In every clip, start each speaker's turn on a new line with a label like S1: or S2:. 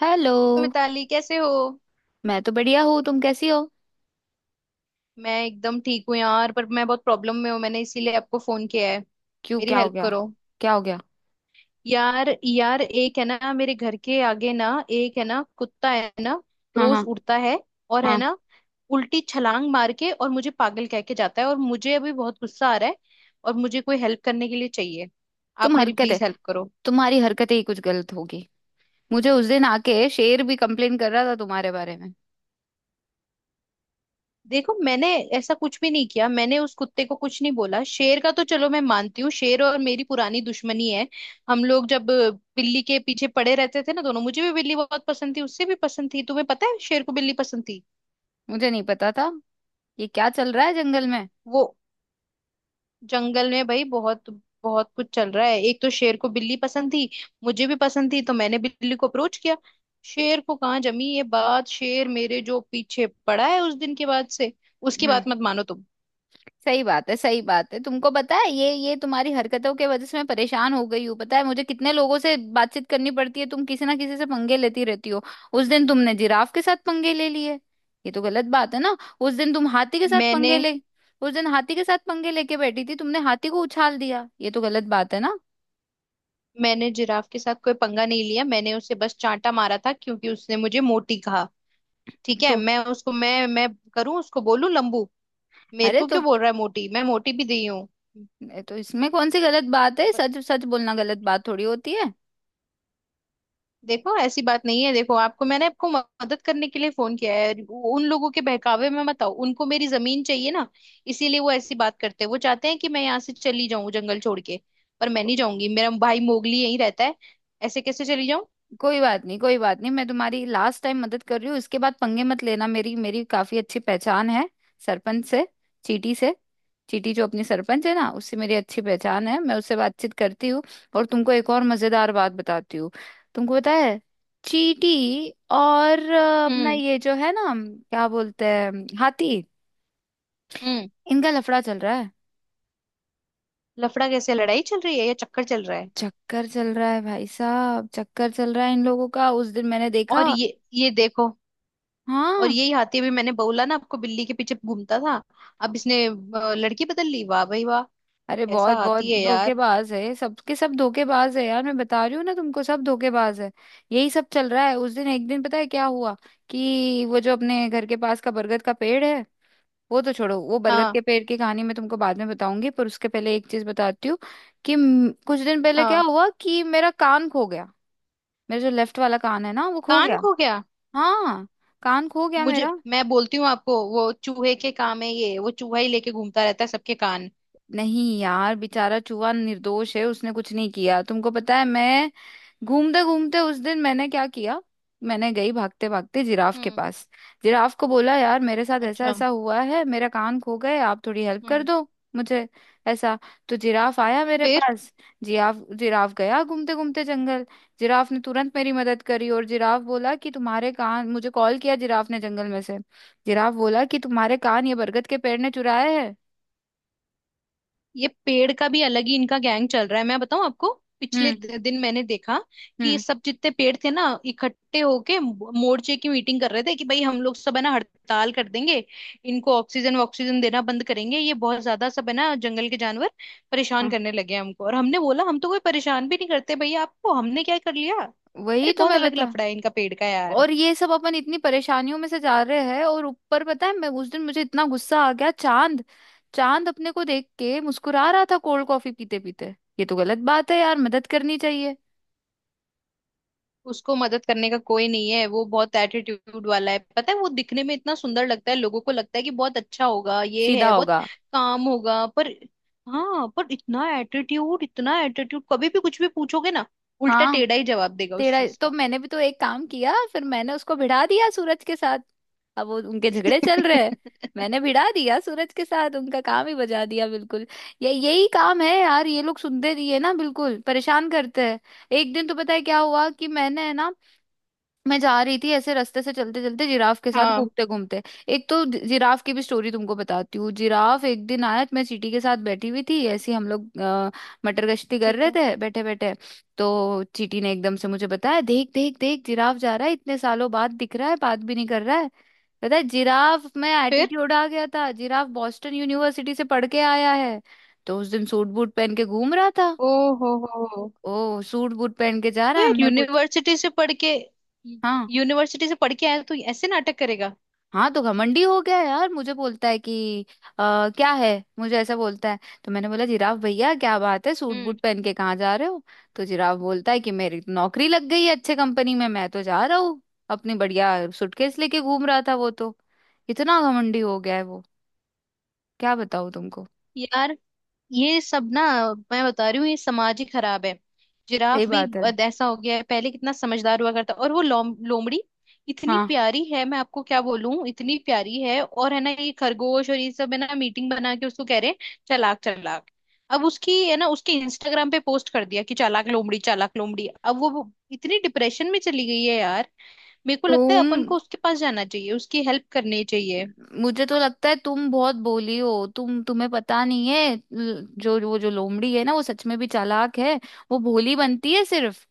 S1: Hello.
S2: Mitali, कैसे हो।
S1: मैं तो बढ़िया हूँ। तुम कैसी हो?
S2: मैं एकदम ठीक हूँ यार, पर मैं बहुत प्रॉब्लम में हूँ। मैंने इसीलिए आपको फोन किया है।
S1: क्यों,
S2: मेरी
S1: क्या हो
S2: हेल्प
S1: गया?
S2: करो।
S1: क्या हो गया?
S2: यार यार एक है ना, मेरे घर के आगे ना एक है ना, कुत्ता है ना,
S1: हाँ
S2: रोज
S1: हाँ।
S2: उड़ता है। और है
S1: हाँ।
S2: ना, उल्टी छलांग मार के और मुझे पागल कह के जाता है। और मुझे अभी बहुत गुस्सा आ रहा है। और मुझे कोई हेल्प करने के लिए चाहिए।
S1: तुम
S2: आप मेरी
S1: हरकत है।
S2: प्लीज हेल्प करो।
S1: तुम्हारी हरकतें ही कुछ गलत होगी। मुझे उस दिन आके शेर भी कंप्लेन कर रहा था तुम्हारे बारे में।
S2: देखो, मैंने ऐसा कुछ भी नहीं किया। मैंने उस कुत्ते को कुछ नहीं बोला। शेर का तो चलो मैं मानती हूँ, शेर और मेरी पुरानी दुश्मनी है। हम लोग जब बिल्ली के पीछे पड़े रहते थे ना दोनों, मुझे भी बिल्ली बहुत पसंद थी, उससे भी पसंद थी। तुम्हें पता है शेर को बिल्ली पसंद थी।
S1: मुझे नहीं पता था। ये क्या चल रहा है जंगल में?
S2: वो जंगल में भाई बहुत बहुत कुछ चल रहा है। एक तो शेर को बिल्ली पसंद थी, मुझे भी पसंद थी, तो मैंने बिल्ली को अप्रोच किया। शेर को कहाँ जमी ये बात, शेर मेरे जो पीछे पड़ा है उस दिन के बाद से। उसकी
S1: हम्म।
S2: बात मत मानो तुम।
S1: सही बात है। सही बात है। तुमको पता है, ये तुम्हारी हरकतों के वजह से मैं परेशान हो गई हूँ। पता है मुझे कितने लोगों से बातचीत करनी पड़ती है? तुम किसी ना किसी से पंगे लेती रहती हो। उस दिन तुमने जिराफ के साथ पंगे ले लिए, ये तो गलत बात है ना? उस दिन तुम हाथी के साथ
S2: मैंने
S1: पंगे ले। उस दिन हाथी के साथ पंगे लेके बैठी थी, तुमने हाथी को उछाल दिया, ये तो गलत बात है ना?
S2: मैंने जिराफ के साथ कोई पंगा नहीं लिया। मैंने उसे बस चांटा मारा था क्योंकि उसने मुझे मोटी कहा। ठीक है,
S1: तो,
S2: मैं उसको मैं करूं, उसको बोलूं लंबू। मेरे
S1: अरे
S2: को
S1: तो
S2: क्यों बोल रहा है मोटी। मैं मोटी भी दी हूँ।
S1: तो इसमें कौन सी गलत बात है?
S2: ब-
S1: सच सच बोलना गलत बात थोड़ी होती है।
S2: देखो ऐसी बात नहीं है। देखो, आपको मैंने आपको मदद करने के लिए फोन किया है। उन लोगों के बहकावे में मत आओ। उनको मेरी जमीन चाहिए ना, इसीलिए वो ऐसी बात करते हैं। वो चाहते हैं कि मैं यहाँ से चली जाऊं, जंगल छोड़ के। पर मैं नहीं जाऊंगी, मेरा भाई मोगली यहीं रहता है। ऐसे कैसे चली जाऊं।
S1: कोई बात नहीं। कोई बात नहीं। मैं तुम्हारी लास्ट टाइम मदद कर रही हूँ, इसके बाद पंगे मत लेना। मेरी मेरी काफी अच्छी पहचान है सरपंच से, चीटी से। चीटी जो अपनी सरपंच है ना, उससे मेरी अच्छी पहचान है, मैं उससे बातचीत करती हूँ। और तुमको एक और मजेदार बात बताती हूँ। तुमको पता है, चीटी और अपना
S2: हम्म।
S1: ये जो है ना, क्या बोलते हैं, हाथी,
S2: हम्म।
S1: इनका लफड़ा चल रहा है।
S2: लफड़ा कैसे, लड़ाई चल रही है या चक्कर चल रहा है।
S1: चक्कर चल रहा है भाई साहब, चक्कर चल रहा है इन लोगों का, उस दिन मैंने देखा।
S2: और ये देखो। और
S1: हाँ।
S2: यही हाथी, अभी मैंने बोला ना आपको, बिल्ली के पीछे घूमता था। अब इसने लड़की बदल ली। वाह भाई वाह।
S1: अरे
S2: कैसा
S1: बहुत बहुत
S2: हाथी है यार।
S1: धोखेबाज है, सबके सब धोखेबाज है यार, मैं बता रही हूँ ना तुमको, सब धोखेबाज है। यही सब चल रहा है। उस दिन, एक दिन, पता है क्या हुआ कि वो जो अपने घर के पास का बरगद का पेड़ है, वो तो छोड़ो, वो बरगद
S2: हाँ।
S1: के पेड़ की कहानी मैं तुमको बाद में बताऊंगी, पर उसके पहले एक चीज बताती हूँ कि कुछ दिन पहले क्या
S2: हाँ।
S1: हुआ कि मेरा कान खो गया। मेरा जो लेफ्ट वाला कान है ना, वो खो
S2: कान
S1: गया।
S2: खो गया।
S1: हाँ। कान खो गया
S2: मुझे,
S1: मेरा।
S2: मैं बोलती हूँ आपको, वो चूहे के काम है, ये वो चूहा ही लेके घूमता रहता है सबके कान।
S1: नहीं यार, बेचारा चूहा निर्दोष है, उसने कुछ नहीं किया। तुमको पता है, मैं घूमते घूमते उस दिन मैंने क्या किया, मैंने गई भागते भागते जिराफ के
S2: हम्म।
S1: पास, जिराफ को बोला यार मेरे साथ ऐसा
S2: अच्छा।
S1: ऐसा हुआ है, मेरा कान खो गए, आप थोड़ी हेल्प कर
S2: हम्म।
S1: दो मुझे ऐसा। तो जिराफ आया मेरे
S2: फिर।
S1: पास। जिराफ जिराफ गया घूमते घूमते जंगल। जिराफ ने तुरंत मेरी मदद करी, और जिराफ बोला कि तुम्हारे कान। मुझे कॉल किया जिराफ ने जंगल में से। जिराफ बोला कि तुम्हारे कान ये बरगद के पेड़ ने चुराए हैं।
S2: ये पेड़ का भी अलग ही इनका गैंग चल रहा है, मैं बताऊं आपको। पिछले
S1: हम्म।
S2: दिन मैंने देखा कि ये
S1: हम्म।
S2: सब जितने पेड़ थे ना, इकट्ठे होके मोर्चे की मीटिंग कर रहे थे कि भाई हम लोग सब है ना, हड़ताल कर देंगे। इनको ऑक्सीजन ऑक्सीजन देना बंद करेंगे। ये बहुत ज्यादा सब है ना जंगल के जानवर परेशान
S1: हाँ।
S2: करने लगे हैं हमको। और हमने बोला हम तो कोई परेशान भी नहीं करते भैया आपको, हमने क्या कर लिया।
S1: वही
S2: अरे
S1: तो
S2: बहुत
S1: मैं
S2: अलग
S1: बता।
S2: लफड़ा है इनका पेड़ का यार।
S1: और ये सब अपन इतनी परेशानियों में से जा रहे हैं, और ऊपर पता है, मैं उस दिन मुझे इतना गुस्सा आ गया, चांद, चांद अपने को देख के मुस्कुरा रहा था कोल्ड कॉफी पीते पीते, ये तो गलत बात है यार, मदद करनी चाहिए।
S2: उसको मदद करने का कोई नहीं है, वो बहुत एटीट्यूड वाला है। पता है, वो दिखने में इतना सुंदर लगता है, लोगों को लगता है कि बहुत अच्छा होगा, ये
S1: सीधा
S2: है बहुत
S1: होगा।
S2: काम होगा पर। हाँ, पर इतना एटीट्यूड, इतना एटीट्यूड, कभी भी कुछ भी पूछोगे ना, उल्टा
S1: हाँ।
S2: टेढ़ा ही जवाब देगा उस
S1: तेरा
S2: चीज
S1: तो
S2: का।
S1: मैंने भी तो एक काम किया, फिर मैंने उसको भिड़ा दिया सूरज के साथ, अब वो उनके झगड़े चल रहे हैं। मैंने भिड़ा दिया सूरज के साथ, उनका काम ही बजा दिया बिल्कुल। ये यही काम है यार, ये लोग सुनते नहीं है ना, बिल्कुल परेशान करते हैं। एक दिन तो पता है क्या हुआ कि मैंने है ना, मैं जा रही थी ऐसे रास्ते से चलते चलते, जिराफ के साथ
S2: हाँ।
S1: घूमते घूमते। एक तो जिराफ की भी स्टोरी तुमको बताती हूँ। जिराफ एक दिन आया, तो मैं चींटी के साथ बैठी हुई थी, ऐसे ही हम लोग मटर गश्ती कर
S2: ठीक
S1: रहे
S2: है।
S1: थे बैठे बैठे। तो चींटी ने एकदम से मुझे बताया, देख देख देख, जिराफ जा रहा है, इतने सालों बाद दिख रहा है, बात भी नहीं कर रहा है। पता है, जिराफ में
S2: फिर।
S1: एटीट्यूड आ गया था, जिराफ बॉस्टन यूनिवर्सिटी से पढ़ के आया है, तो उस दिन सूट बूट पहन के घूम रहा था।
S2: ओ। हो हो।
S1: ओ सूट बूट पहन के जा
S2: तो
S1: रहा है,
S2: यार
S1: हमने पूछ।
S2: यूनिवर्सिटी से पढ़ के,
S1: हाँ।
S2: यूनिवर्सिटी से पढ़ के आया तो ऐसे नाटक करेगा।
S1: हाँ तो घमंडी हो गया यार, मुझे बोलता है कि क्या है, मुझे ऐसा बोलता है। तो मैंने बोला जिराफ भैया क्या बात है, सूट
S2: हम्म।
S1: बूट पहन के कहाँ जा रहे हो? तो जिराफ बोलता है कि मेरी तो नौकरी लग गई है अच्छे कंपनी में, मैं तो जा रहा हूँ। अपनी बढ़िया सूटकेस लेके घूम रहा था वो तो। इतना घमंडी हो गया है वो, क्या बताऊँ तुमको।
S2: यार ये सब ना, मैं बता रही हूँ, ये समाज ही खराब है।
S1: सही
S2: जिराफ भी
S1: बात है।
S2: अब ऐसा हो गया है, पहले कितना समझदार हुआ करता। और वो लोमड़ी इतनी
S1: हाँ।
S2: प्यारी है, मैं आपको क्या बोलूं, इतनी प्यारी है। और है ना ये खरगोश और ये सब है ना मीटिंग बना के उसको कह रहे हैं चालाक, चालाक। अब उसकी है ना, उसके इंस्टाग्राम पे पोस्ट कर दिया कि चालाक लोमड़ी, चालाक लोमड़ी। अब वो इतनी डिप्रेशन में चली गई है यार। मेरे को लगता है
S1: तुम
S2: अपन को उसके पास जाना चाहिए, उसकी हेल्प करनी चाहिए।
S1: मुझे तो लगता है तुम बहुत बोली हो। तुम्हें पता नहीं है, जो वो जो लोमड़ी है ना, वो सच में भी चालाक है। वो भोली बनती है सिर्फ,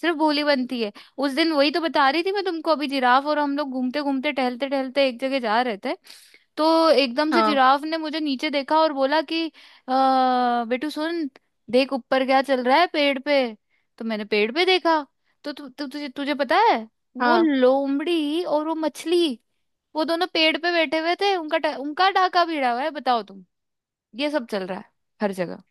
S1: सिर्फ बोली बनती है। उस दिन वही तो बता रही थी मैं तुमको, अभी जिराफ और हम लोग घूमते घूमते टहलते टहलते एक जगह जा रहे थे, तो एकदम से
S2: हाँ।
S1: जिराफ ने मुझे नीचे देखा और बोला कि बेटू सुन, देख ऊपर क्या चल रहा है पेड़ पे। तो मैंने पेड़ पे देखा, तो तु, तु, तुझे तुझे पता है, वो
S2: हाँ।
S1: लोमड़ी और वो मछली, वो दोनों पेड़ पे बैठे हुए थे, उनका उनका डाका भिड़ा हुआ है, बताओ तुम। ये सब चल रहा है हर जगह।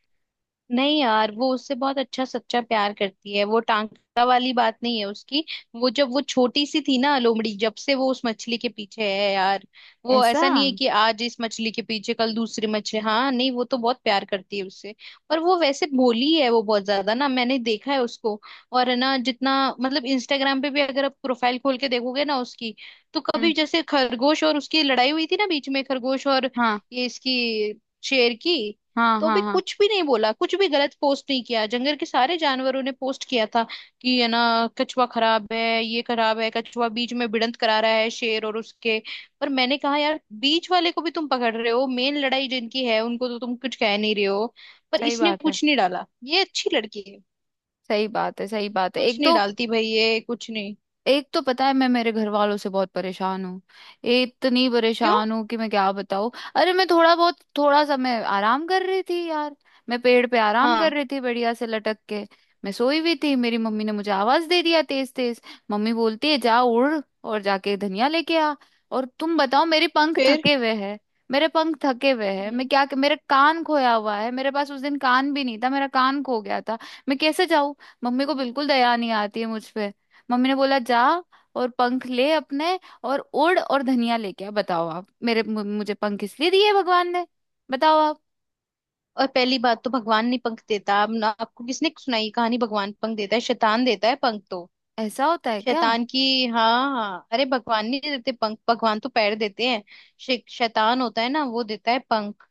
S2: नहीं यार, वो उससे बहुत अच्छा सच्चा प्यार करती है। वो टांका वाली बात नहीं है उसकी। वो जब वो छोटी सी थी ना लोमड़ी, जब से वो उस मछली के पीछे है यार। वो
S1: ऐसा।
S2: ऐसा नहीं है कि आज इस मछली के पीछे कल दूसरी मछली, हाँ नहीं, वो तो बहुत प्यार करती है उससे। और वो वैसे भोली है, वो बहुत ज्यादा ना, मैंने देखा है उसको। और है ना जितना, मतलब इंस्टाग्राम पे भी अगर आप प्रोफाइल खोल के देखोगे ना उसकी, तो
S1: हम्म।
S2: कभी जैसे खरगोश और उसकी लड़ाई हुई थी ना बीच में, खरगोश और
S1: हाँ
S2: ये इसकी शेर की,
S1: हाँ
S2: तो
S1: हाँ।
S2: भी
S1: हाँ।
S2: कुछ भी नहीं बोला, कुछ भी गलत पोस्ट नहीं किया। जंगल के सारे जानवरों ने पोस्ट किया था कि है ना कछुआ खराब है, ये खराब है, कछुआ बीच में भिड़ंत करा रहा है शेर और उसके। पर मैंने कहा यार, बीच वाले को भी तुम पकड़ रहे हो, मेन लड़ाई जिनकी है उनको तो तुम कुछ कह नहीं रहे हो। पर
S1: सही
S2: इसने
S1: बात है।
S2: कुछ नहीं डाला, ये अच्छी लड़की है।
S1: सही बात है। सही बात है।
S2: कुछ
S1: एक
S2: नहीं
S1: तो,
S2: डालती भाई, ये कुछ नहीं।
S1: एक तो पता है मैं मेरे घर वालों से बहुत परेशान हूँ, इतनी
S2: क्यों।
S1: परेशान हूँ कि मैं क्या बताऊँ। अरे मैं थोड़ा बहुत, थोड़ा सा मैं आराम कर रही थी यार, मैं पेड़ पे आराम कर
S2: हाँ।
S1: रही थी बढ़िया से लटक के। मैं सोई हुई थी, मेरी मम्मी ने मुझे आवाज दे दिया तेज तेज। मम्मी बोलती है जा उड़ और जाके धनिया लेके आ। और तुम बताओ, मेरे पंख
S2: फिर।
S1: थके हुए हैं, मेरे पंख थके हुए हैं, मैं
S2: हम्म।
S1: क्या, मेरे कान खोया हुआ है, मेरे पास उस दिन कान भी नहीं था, मेरा कान खो गया था। मैं कैसे जाऊँ? मम्मी को बिल्कुल दया नहीं आती है मुझ पे। मम्मी ने बोला जा, और पंख ले अपने और उड़ और धनिया लेके आ। बताओ आप, मेरे मुझे पंख इसलिए दिए भगवान ने? बताओ आप।
S2: और पहली बात तो भगवान नहीं पंख देता। अब ना, आपको किसने सुनाई कहानी भगवान पंख देता है। शैतान देता है पंख तो,
S1: ऐसा होता है क्या?
S2: शैतान की। हाँ। हाँ। अरे भगवान नहीं देते पंख, भगवान तो पैर देते हैं। शैतान होता है ना, वो देता है पंख।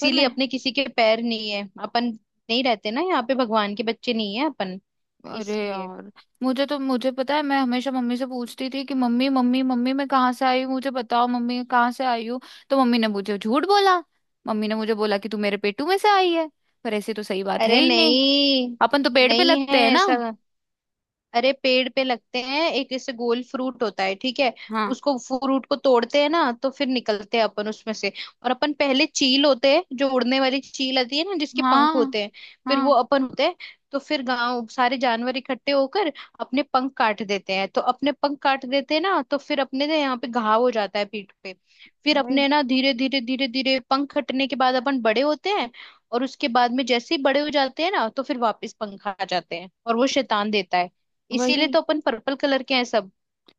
S1: पर मैं
S2: अपने किसी के पैर नहीं है, अपन नहीं रहते ना यहाँ पे, भगवान के बच्चे नहीं है अपन।
S1: अरे
S2: इसलिए,
S1: यार, मुझे पता है, मैं हमेशा मम्मी से पूछती थी कि मम्मी मम्मी मम्मी मैं कहाँ से आई हूँ, मुझे बताओ मम्मी कहाँ से आई हूँ। तो मम्मी ने मुझे झूठ बोला। मम्मी ने मुझे बोला कि तू मेरे पेटू में से आई है। पर ऐसी तो सही बात है
S2: अरे
S1: ही नहीं,
S2: नहीं,
S1: अपन तो पेड़ पे
S2: नहीं
S1: लगते
S2: है
S1: हैं ना।
S2: ऐसा। अरे पेड़ पे लगते हैं, एक इससे गोल फ्रूट होता है, ठीक है।
S1: हाँ
S2: उसको फ्रूट को तोड़ते हैं ना, तो फिर निकलते हैं अपन उसमें से। और अपन पहले चील होते हैं, जो उड़ने वाली चील आती है ना जिसके पंख
S1: हाँ
S2: होते हैं, फिर वो
S1: हाँ।
S2: अपन होते हैं। तो फिर गांव सारे जानवर इकट्ठे होकर अपने पंख काट देते हैं। तो अपने पंख काट देते हैं ना, तो फिर अपने ना यहाँ पे घाव हो जाता है पीठ पे। फिर
S1: वही।
S2: अपने ना, धीरे धीरे धीरे धीरे पंख कटने के बाद अपन बड़े होते हैं। और उसके बाद में जैसे ही बड़े हो जाते हैं ना, तो फिर वापस पंख आ जाते हैं, और वो शैतान देता है।
S1: वही।
S2: इसीलिए तो अपन पर्पल कलर के हैं सब।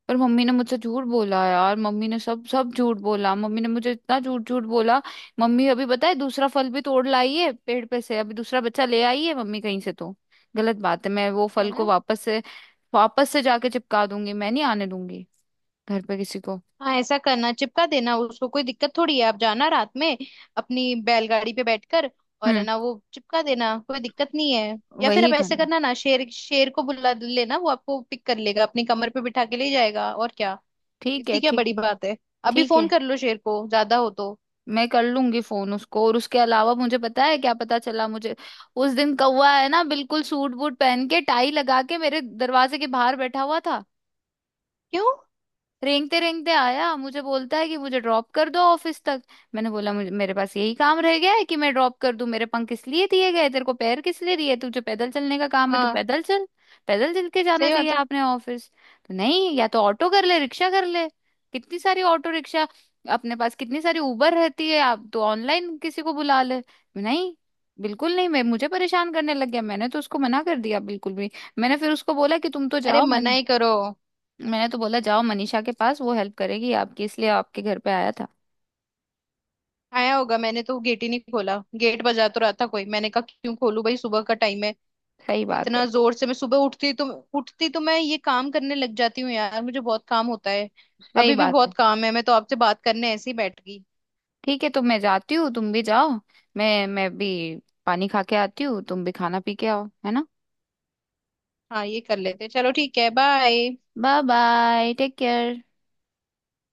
S1: पर मम्मी ने मुझसे झूठ बोला यार, मम्मी ने सब सब झूठ बोला, मम्मी ने मुझे इतना झूठ झूठ बोला। मम्मी अभी पता है, दूसरा फल भी तोड़ लाई है पेड़ पे से, अभी दूसरा बच्चा ले आई है मम्मी कहीं से, तो गलत बात है। मैं वो
S2: है
S1: फल को
S2: ना।
S1: वापस से जाके चिपका दूंगी, मैं नहीं आने दूंगी घर पे किसी को।
S2: हाँ, ऐसा करना, चिपका देना उसको, कोई दिक्कत थोड़ी है। आप जाना रात में अपनी बैलगाड़ी पे बैठकर, और है
S1: हम्म।
S2: ना, वो चिपका देना, कोई दिक्कत नहीं है। या फिर आप
S1: वही
S2: ऐसे
S1: करना।
S2: करना ना, शेर शेर को बुला लेना, वो आपको पिक कर लेगा, अपनी कमर पे बिठा के ले जाएगा, और क्या।
S1: ठीक है।
S2: इतनी क्या
S1: ठीक
S2: बड़ी
S1: है।
S2: बात है। अभी
S1: ठीक
S2: फोन
S1: है।
S2: कर लो शेर को, ज्यादा हो तो।
S1: मैं कर लूंगी फोन उसको। और उसके अलावा मुझे पता है, क्या पता चला मुझे। उस दिन कौवा है ना, बिल्कुल सूट बूट पहन के, टाई लगा के, मेरे दरवाजे के बाहर बैठा हुआ था,
S2: क्यों।
S1: रेंगते रेंगते आया, मुझे बोलता है कि मुझे ड्रॉप कर दो ऑफिस तक। मैंने बोला मुझे मेरे पास यही काम रह गया है कि मैं ड्रॉप कर दूं? मेरे पंख किस लिए दिए गए, तेरे को पैर किस लिए दिए? तुझे पैदल चलने का काम है, तू
S2: हाँ।
S1: पैदल चल। पैदल चल के जाना
S2: सही बात
S1: चाहिए
S2: है।
S1: आपने, ऑफिस तो नहीं, या तो ऑटो कर ले रिक्शा कर ले। कितनी सारी ऑटो रिक्शा, अपने पास कितनी सारी उबर रहती है, आप तो ऑनलाइन किसी को बुला ले। नहीं, बिल्कुल नहीं। मैं, मुझे परेशान करने लग गया, मैंने तो उसको मना कर दिया बिल्कुल भी। मैंने फिर उसको बोला कि तुम तो
S2: अरे
S1: जाओ, मैं।
S2: मना ही करो।
S1: मैंने तो बोला जाओ मनीषा के पास, वो हेल्प करेगी आपकी, इसलिए आपके घर पे आया था।
S2: आया होगा, मैंने तो गेट ही नहीं खोला। गेट बजा तो रहा था कोई, मैंने कहा क्यों खोलूं भाई, सुबह का टाइम है।
S1: सही बात है।
S2: इतना जोर से मैं सुबह उठती तो, उठती तो मैं ये काम करने लग जाती हूँ यार, मुझे बहुत काम होता है।
S1: सही
S2: अभी भी
S1: बात है।
S2: बहुत काम है, मैं तो आपसे बात करने ऐसे ही बैठ गई।
S1: ठीक है, तो मैं जाती हूँ, तुम भी जाओ। मैं भी पानी खा के आती हूँ, तुम भी खाना पी के आओ, है ना?
S2: हाँ, ये कर लेते, चलो ठीक है, bye.
S1: Bye bye take care.